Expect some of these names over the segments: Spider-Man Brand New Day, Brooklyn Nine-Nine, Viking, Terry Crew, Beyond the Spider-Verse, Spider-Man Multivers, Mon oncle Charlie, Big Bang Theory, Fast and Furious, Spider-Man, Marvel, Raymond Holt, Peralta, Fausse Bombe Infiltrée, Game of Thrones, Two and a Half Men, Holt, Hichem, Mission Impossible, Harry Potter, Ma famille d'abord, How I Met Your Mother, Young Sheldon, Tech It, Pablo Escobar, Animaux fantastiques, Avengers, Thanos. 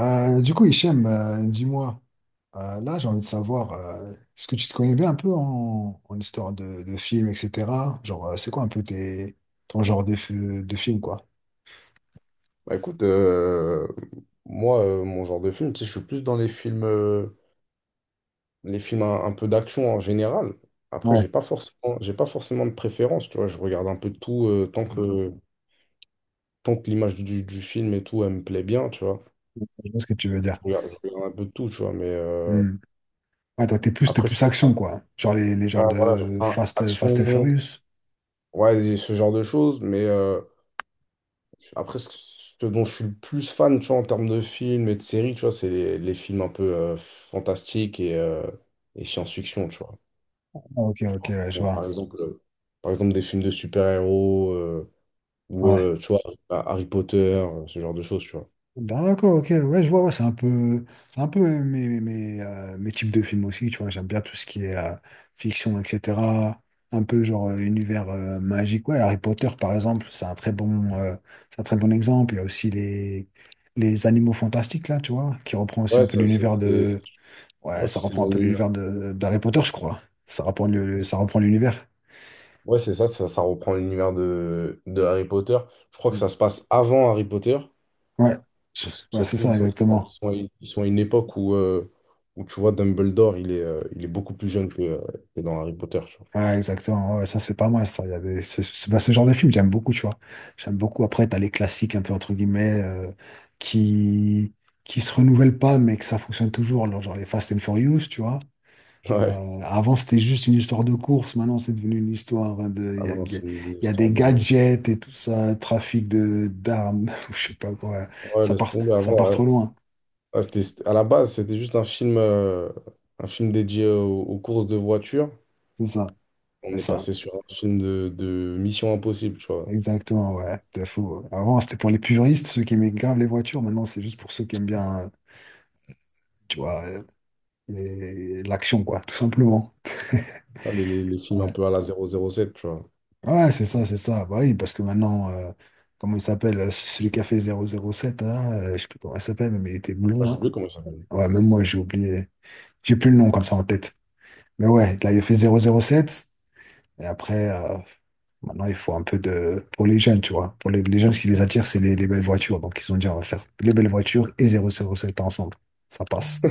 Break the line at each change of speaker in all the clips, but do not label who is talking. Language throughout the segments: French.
Du coup, Hichem, dis-moi, là j'ai envie de savoir, est-ce que tu te connais bien un peu en histoire de films, etc. Genre, c'est quoi un peu ton genre de film, quoi?
Bah écoute, moi, mon genre de film, tu sais, je suis plus dans les films un peu d'action en général. Après,
Ouais,
j'ai pas forcément de préférence, tu vois. Je regarde un peu de tout tant que l'image du film et tout, elle me plaît bien, tu vois.
je vois ce que tu veux dire.
Je regarde un peu de tout, tu vois. Mais
Hmm. Ouais, toi, t'es plus, t'es
après, je,
plus action, quoi. Genre les genres
ah, voilà,
de
ah,
Fast and
action,
Furious.
ouais, ce genre de choses. Mais Après, ce ce dont je suis le plus fan, tu vois, en termes de films et de séries, tu vois, c'est les films un peu fantastiques et science-fiction, tu vois.
Ah, ok,
Tu
ok,
vois.
ouais, je
Bon,
vois.
par exemple, des films de super-héros ou,
Ouais.
tu vois, Harry Potter, ce genre de choses, tu vois.
D'accord, ok, ouais, je vois, ouais, c'est un peu mes types de films aussi, tu vois, j'aime bien tout ce qui est fiction, etc. Un peu genre univers magique, ouais, Harry Potter par exemple, c'est un très bon exemple. Il y a aussi les animaux fantastiques là, tu vois, qui reprend aussi un
Ouais,
peu
ça-
l'univers
c'est
de, ouais,
ouais, ça,
ça
c'est
reprend un
dans
peu
l'univers.
l'univers de d'Harry Potter, je crois. Ça reprend l'univers.
Ouais, c'est ça, ça reprend l'univers de Harry Potter. Je crois que
Mm.
ça se passe avant Harry Potter.
Ouais, ouais,
Parce
c'est
que ça,
ça exactement.
ils sont à une époque où, où tu vois, Dumbledore, il est beaucoup plus jeune que dans Harry Potter, tu
Ouais, exactement. Ouais, ouais, ça, c'est pas mal, ça. Il y avait ce, ce- Bah, ce genre de film, j'aime beaucoup, tu vois. J'aime beaucoup. Après, t'as les classiques, un peu, entre guillemets, qui, qui se renouvellent pas, mais que ça fonctionne toujours. Genre les Fast and Furious, tu vois.
vois. Ouais.
Avant, c'était juste une histoire de course. Maintenant, c'est devenu une histoire hein, de. Il
Ah
y a,
ouais, non,
il y a-
c'est une
il y a des
histoire de…
gadgets et tout ça, trafic de d'armes, ou je sais pas quoi.
Ouais,
Ça
laisse
part,
tomber,
ça
avant,
part
ouais.
trop loin.
Ah, à la base, c'était juste un film dédié aux, aux courses de voitures.
C'est ça,
On
c'est
est
ça.
passé sur un film de Mission Impossible, tu vois.
Exactement, ouais. De fou. Avant, c'était pour les puristes, ceux qui aimaient grave les voitures. Maintenant, c'est juste pour ceux qui aiment bien. Tu vois, et l'action, quoi, tout simplement.
Ah, les films un
Ouais,
peu à la 007, tu vois.
ouais, c'est ça, c'est ça. Bah oui, parce que maintenant, comment il s'appelle, celui qui a fait 007, là, je sais plus comment il s'appelle, mais il était
Ah,
blond,
j'ai
hein.
oublié comment il s'appelle.
Ouais, même moi, j'ai oublié. J'ai plus le nom comme ça en tête. Mais ouais, là, il a fait 007. Et après, maintenant, il faut un peu de... Pour les jeunes, tu vois. Pour les jeunes, ce qui les attire, c'est les belles voitures. Donc, ils ont dit, on va faire les belles voitures et 007 ensemble. Ça passe.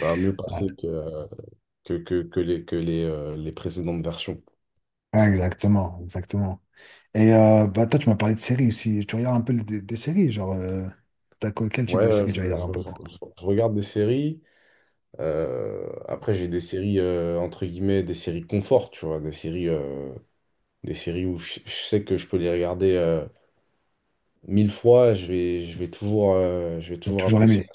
Ça a mieux
Ouais,
passé que, que les précédentes versions.
ouais, exactement, exactement. Bah toi, tu m'as parlé de séries aussi. Tu regardes un peu des séries, genre, quel type
Ouais,
de
ouais,
série tu regardes un peu?
je regarde des séries. Après, j'ai des séries, entre guillemets, des séries confort, tu vois, des séries où je sais que je peux les regarder mille fois, je vais
Tu as
toujours
toujours
apprécier.
aimé.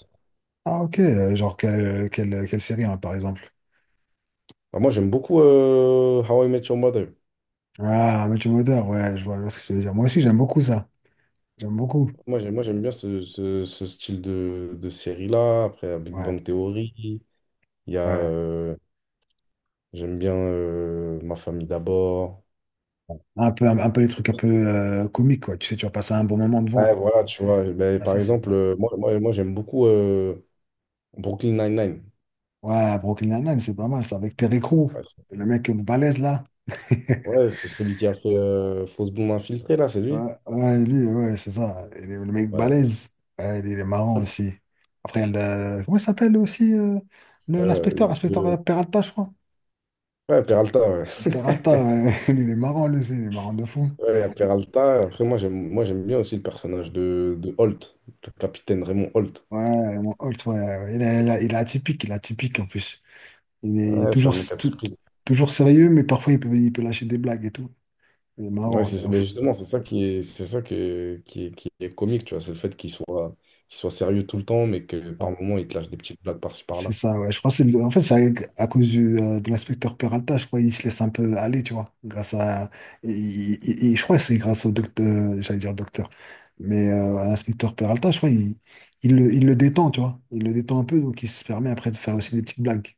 Ah ok, genre quelle série hein, par exemple?
Enfin, moi, j'aime beaucoup How I Met Your Mother.
Ah, Matthew Modeur, ouais, je vois ce que tu veux dire. Moi aussi, j'aime beaucoup ça. J'aime beaucoup.
Moi, j'aime bien ce style de série-là. Après, la Big
Ouais,
Bang Theory, il y a,
ouais,
j'aime bien Ma famille d'abord.
ouais. Un peu les trucs un peu comiques, quoi. Tu sais, tu vas passer un bon moment devant,
Ouais,
quoi.
voilà, tu vois, ben,
Ah,
par
ça, c'est...
exemple, moi j'aime beaucoup Brooklyn Nine-Nine.
Ouais, Brooklyn Nine-Nine, c'est pas mal, ça, avec Terry Crew
Ouais, c'est
le mec balèze, là.
ouais, c'est celui qui a fait Fausse Bombe Infiltrée, là, c'est lui.
Ouais, ouais, lui, ouais, c'est ça. Le mec
Ouais,
balèze. Ouais, il est marrant aussi. Après, comment il s'appelle aussi
Euh,
l'inspecteur? Inspecteur
de-
Peralta, je crois.
ouais Peralta, ouais.
Peralta, ouais, il est marrant, lui aussi. Il est marrant de fou.
Ouais, il Peralta. Après, moi, j'aime bien aussi le personnage de Holt, le capitaine Raymond Holt.
Ouais, mon Holt, ouais, ouais, il est atypique en plus. Il est
Ouais, c'est un
toujours,
mec à surprise.
toujours sérieux, mais parfois il peut lâcher des blagues et tout. Il est
Ouais,
marrant, de
c'est, mais
ouf.
justement, c'est ça qui est, qui est comique, tu vois. C'est le fait qu'il soit sérieux tout le temps, mais que par moments, il te lâche des petites blagues par-ci,
C'est
par-là.
ça, ouais. Je pense que en fait, à cause de l'inspecteur Peralta, je crois il se laisse un peu aller, tu vois. Grâce à. Et je crois que c'est grâce au docteur, j'allais dire docteur, mais à l'inspecteur Peralta, je crois il le détend, tu vois. Il le détend un peu, donc il se permet après de faire aussi des petites blagues.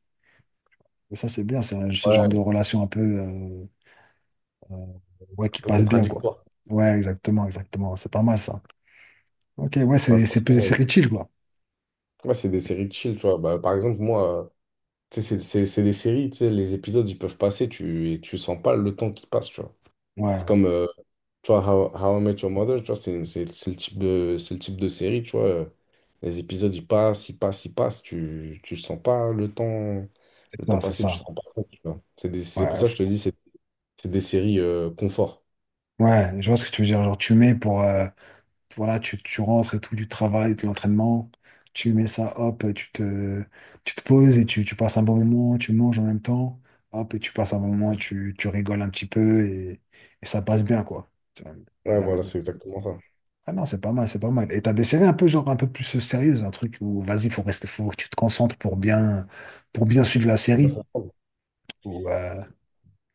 Et ça, c'est bien, ce
Ouais,
genre de
un
relation un peu. Euh, ouais, qui
peu
passe bien, quoi.
contradictoire.
Ouais, exactement, exactement. C'est pas mal, ça. Ok, ouais,
Ouais,
c'est plus
franchement,
des
ouais.
séries chill, quoi.
Ouais, c'est des séries de chill, tu vois. Bah, par exemple, moi. Tu sais, c'est des séries, tu sais, les épisodes, ils peuvent passer, tu, et tu sens pas le temps qui passe, tu vois. C'est
Ouais,
comme, tu vois, How I Met Your Mother, tu vois, c'est le type de, c'est le type de série, tu vois. Les épisodes, ils passent, tu sens pas le temps,
c'est
le temps
ça, c'est
passer, tu
ça.
sens pas compte, tu vois. C'est des- c'est pour
Ouais,
ça que je te dis, c'est des séries confort.
ouais, je vois ce que tu veux dire. Genre, tu mets pour, voilà, tu rentres et tout du travail, de l'entraînement, tu mets ça, hop, tu te poses et tu passes un bon moment, tu manges en même temps, hop, et tu passes un bon moment, tu rigoles un petit peu et ça passe bien, quoi. Tu vois,
Ouais, voilà,
même,
c'est exactement ça.
ah non, c'est pas mal, c'est pas mal. Et t'as des séries un peu genre un peu plus sérieuses, un truc où vas-y, faut rester, faut que tu te concentres pour bien suivre la
Faut bien
série.
comprendre.
Ou,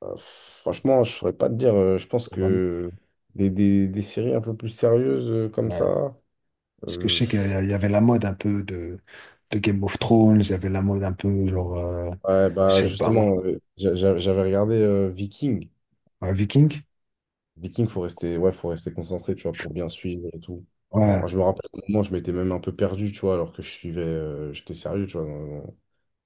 Franchement, je saurais pas te dire, je pense
ouais.
que des séries un peu plus sérieuses comme ça.
Parce que je
euh,
sais il y avait la mode un peu de Game of Thrones, il y avait la mode un peu genre,
Ouais,
je
bah
sais pas moi,
justement, j'avais regardé Viking.
Viking.
Viking, ouais, faut rester concentré, tu vois, pour bien suivre et tout.
Ouais,
Moi, je me rappelle qu'au moment, je m'étais même un peu perdu, tu vois, alors que je suivais, j'étais sérieux, tu vois.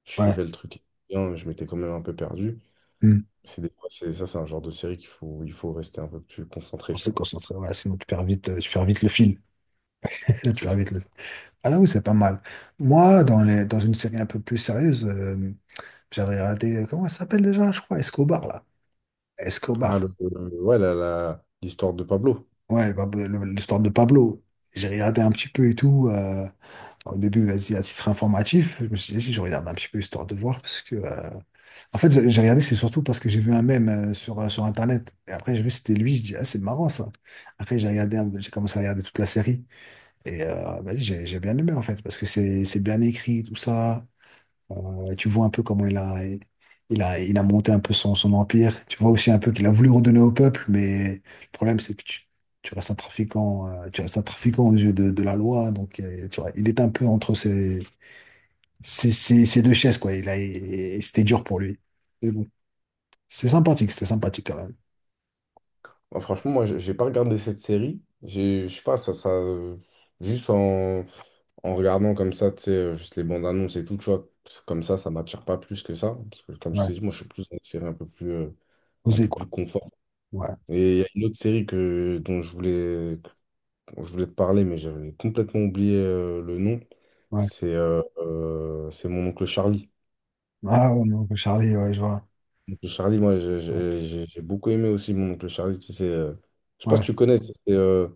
Je
ouais.
suivais le truc bien, mais je m'étais quand même un peu perdu.
Hmm.
C'est des- c'est- ça, c'est un genre de série qu'il faut, il faut rester un peu plus concentré,
On
tu
s'est
vois.
concentré, ouais, sinon tu perds vite le fil. Tu
C'est
perds
ça.
vite le Ah là oui, c'est pas mal. Moi, dans une série un peu plus sérieuse, j'avais regardé, comment ça s'appelle déjà, je crois, Escobar, là.
Ah,
Escobar.
ouais, l'histoire de Pablo.
Ouais, bah, l'histoire de Pablo. J'ai regardé un petit peu et tout. Au début, vas-y, à titre informatif, je me suis dit, si je regarde un petit peu histoire de voir, parce que. En fait, j'ai regardé, c'est surtout parce que j'ai vu un mème sur Internet. Et après, j'ai vu, c'était lui. Je dis, ah, c'est marrant ça. Après, j'ai commencé à regarder toute la série. Vas-y, j'ai bien aimé, en fait, parce que c'est bien écrit, tout ça. Tu vois un peu comment il a monté un peu son empire. Tu vois aussi un peu qu'il a voulu redonner au peuple, mais le problème, c'est que tu restes un trafiquant aux yeux de la loi. Donc, tu vois, il est un peu entre ces deux chaises, quoi. Et c'était dur pour lui. Mais bon, c'est sympathique, c'était sympathique quand même.
Moi, franchement, moi, j'ai pas regardé cette série. J'ai, je sais pas, juste en. En regardant comme ça, tu sais, juste les bandes annonces et tout, tu vois, parce que comme ça m'attire pas plus que ça. Parce que, comme je
Ouais,
t'ai dit, moi, je suis plus dans une série un
osé,
peu
quoi.
plus confort.
Ouais,
Et il y a une autre série que, dont je voulais te parler, mais j'avais complètement oublié le nom.
ouais.
C'est Mon oncle Charlie.
Ah, ouais, non, Charlie, ouais, je vois.
Mon oncle Charlie, moi, j'ai beaucoup aimé aussi Mon oncle Charlie. Tu sais, c'est, je sais pas si
Ouais.
tu connais, c'est euh,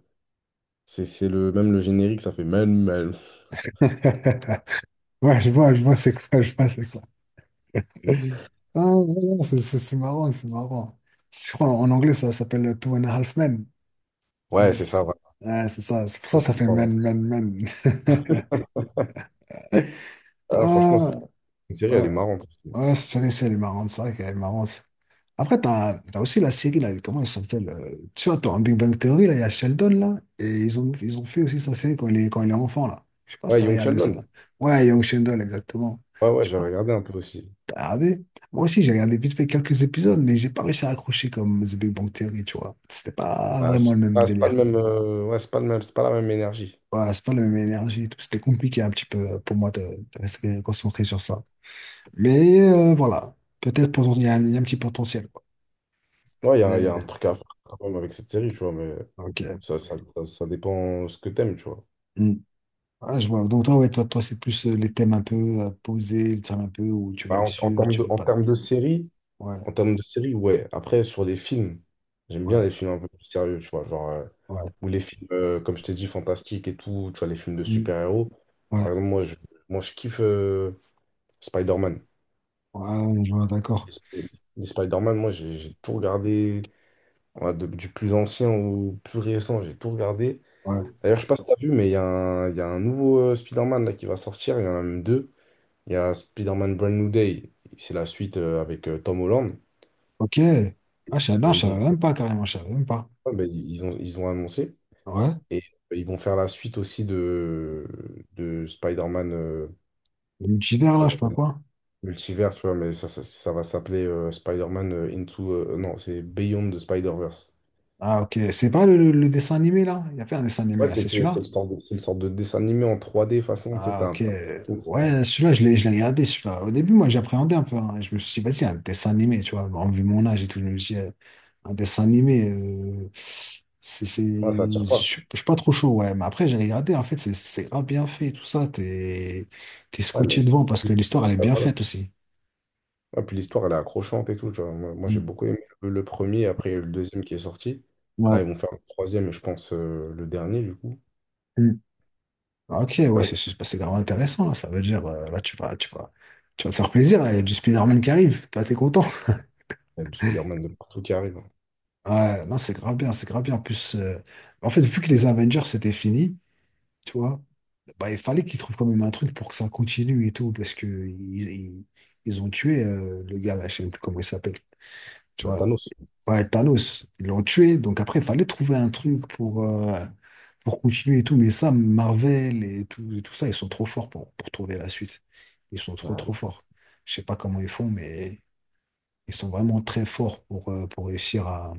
c'est- c'est le, même le générique, ça fait même. Même.
Ouais, ouais, je vois, c'est quoi, je vois, c'est quoi. Ah, non, non, c'est marrant, c'est marrant. Je crois en anglais, ça s'appelle Two and a Half Men.
Ouais,
Ouais,
c'est ça, voilà.
c'est ça, c'est pour ça que ça fait men, men, men.
Ah, franchement,
Ah,
cette série, elle est
ouais,
marrante.
ouais, cette série, c'est elle est marrante, c'est vrai qu'elle est marrante. Après, t'as aussi la série, là, comment elle s'appelle? Tu vois, dans Big Bang Theory, là, il y a Sheldon, là, et ils ont fait aussi sa série quand il est enfant, là. Je sais pas si
Ouais,
t'as
Young
regardé ça,
Sheldon.
là. Ouais, Young Sheldon, exactement.
Ouais, ouais, j'ai regardé un peu aussi.
T'as regardé? Moi aussi, j'ai regardé vite fait quelques épisodes, mais j'ai pas réussi à accrocher comme The Big Bang Theory, tu vois. C'était pas vraiment le même
Ah, c'est pas
délire.
le même, ouais, c'est pas le même, c'est pas la même énergie.
Ouais, c'est pas la même énergie et tout. C'était compliqué un petit peu pour moi de rester concentré sur ça. Mais voilà, il y a un petit potentiel, quoi.
Ouais, il y a, y a un
Mais,
truc à faire quand même avec cette série, tu vois, mais
ok.
ça dépend ce que t'aimes, tu vois.
Hmm. Ouais, je vois. Donc toi, ouais, toi, c'est plus les thèmes un peu posés, les thèmes un peu où tu vas
Bah,
être
en
sûr,
termes
tu
de,
veux pas. Ouais,
en termes de série, ouais. Après, sur les films, j'aime bien
ouais,
les films un peu plus sérieux, tu vois, genre,
ouais.
ou les films, comme je t'ai dit, fantastiques et tout, tu vois, les films de
Hmm.
super-héros.
Ouais,
Par exemple, moi, je kiffe Spider-Man.
ouais, je vois, d'accord.
Les, Sp- les Spider-Man, moi, j'ai tout regardé, ouais, du plus ancien au plus récent, j'ai tout regardé.
Ouais.
D'ailleurs, je sais pas si t'as vu, mais il y a un nouveau Spider-Man là, qui va sortir. Il y en a même deux. Il y a Spider-Man Brand New Day. C'est la suite avec Tom Holland.
Ok. Ah, non,
Euh,
je
ils ont
savais même
fait-
pas carrément, je savais même pas.
ouais, ben, ils ont annoncé.
Ouais.
Et ils vont faire la suite aussi de Spider-Man
Le multivers, là, je sais pas quoi.
Multivers, tu vois. Mais ça va s'appeler Spider-Man non, c'est Beyond the Spider-Verse.
Ah, ok. C'est pas le dessin animé, là? Il y a fait un dessin animé,
Ouais,
là, c'est
c'est
celui-là?
le sorte de, c'est le sorte de dessin animé en 3D façon. Tu sais,
Ah, ok.
t'as l'impression que c'est en-
Ouais, celui-là, je l'ai regardé, celui-là. Au début, moi, j'appréhendais un peu, hein. Je me suis dit, vas-y, un dessin animé, tu vois. Bon, vu mon âge et tout, je me suis dit, un dessin animé,
Ouais, ça
Je
tire pas.
suis je suis pas trop chaud, ouais. Mais après, j'ai regardé, en fait, c'est grave bien fait, tout ça. T'es
Ouais,
scotché devant
les-
parce que l'histoire, elle est
ouais,
bien
voilà.
faite aussi.
Ah, puis l'histoire, elle est accrochante et tout. Tu vois. Moi, j'ai
Mm.
beaucoup aimé le premier. Après, il y a eu le deuxième qui est sorti.
Ouais.
Là, ils vont faire le troisième et je pense le dernier, du coup.
Ah, ok, ouais,
Ouais,
c'est grave intéressant, là. Ça veut dire, là, tu vas te faire plaisir, là. Il y a du Spider-Man qui arrive. Toi, t'es content.
il y a du Spider-Man de partout qui arrive, hein.
Ouais, non, c'est grave bien, c'est grave bien. En plus, en fait, vu que les Avengers, c'était fini, tu vois, bah, il fallait qu'ils trouvent quand même un truc pour que ça continue et tout, parce que ils ont tué, le gars, là, je sais plus comment il s'appelle. Tu
Ah,
vois,
Thanos.
ouais, Thanos, ils l'ont tué. Donc après, il fallait trouver un truc pour continuer et tout. Mais ça, Marvel et tout ça, ils sont trop forts pour trouver la suite. Ils sont trop,
Ah,
trop
ah,
forts. Je sais pas comment ils font, mais ils sont vraiment très forts pour réussir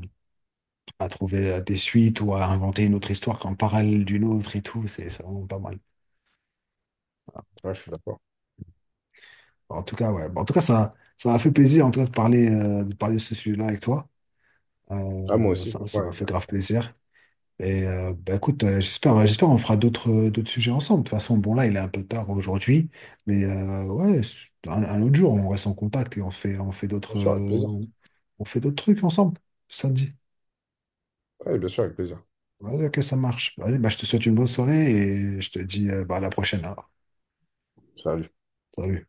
à trouver des suites ou à inventer une autre histoire en parallèle d'une autre et tout. C'est vraiment pas mal.
ouais, je suis d'accord.
En tout cas, ouais. Bon, en tout cas, ça m'a fait plaisir en tout cas, de parler de ce sujet-là avec toi.
Ah, moi aussi,
Ça
franchement,
m'a fait grave plaisir. Bah écoute, j'espère on fera d'autres sujets ensemble. De toute façon, bon là, il est un peu tard aujourd'hui, mais ouais, un autre jour, on reste en contact et
bien sûr, avec plaisir.
on fait d'autres trucs ensemble. Ça te dit?
Ouais, bien sûr, avec plaisir.
Vas-y, ok, ça marche. Vas-y, bah je te souhaite une bonne soirée et je te dis bah, à la prochaine alors.
Salut.
Salut.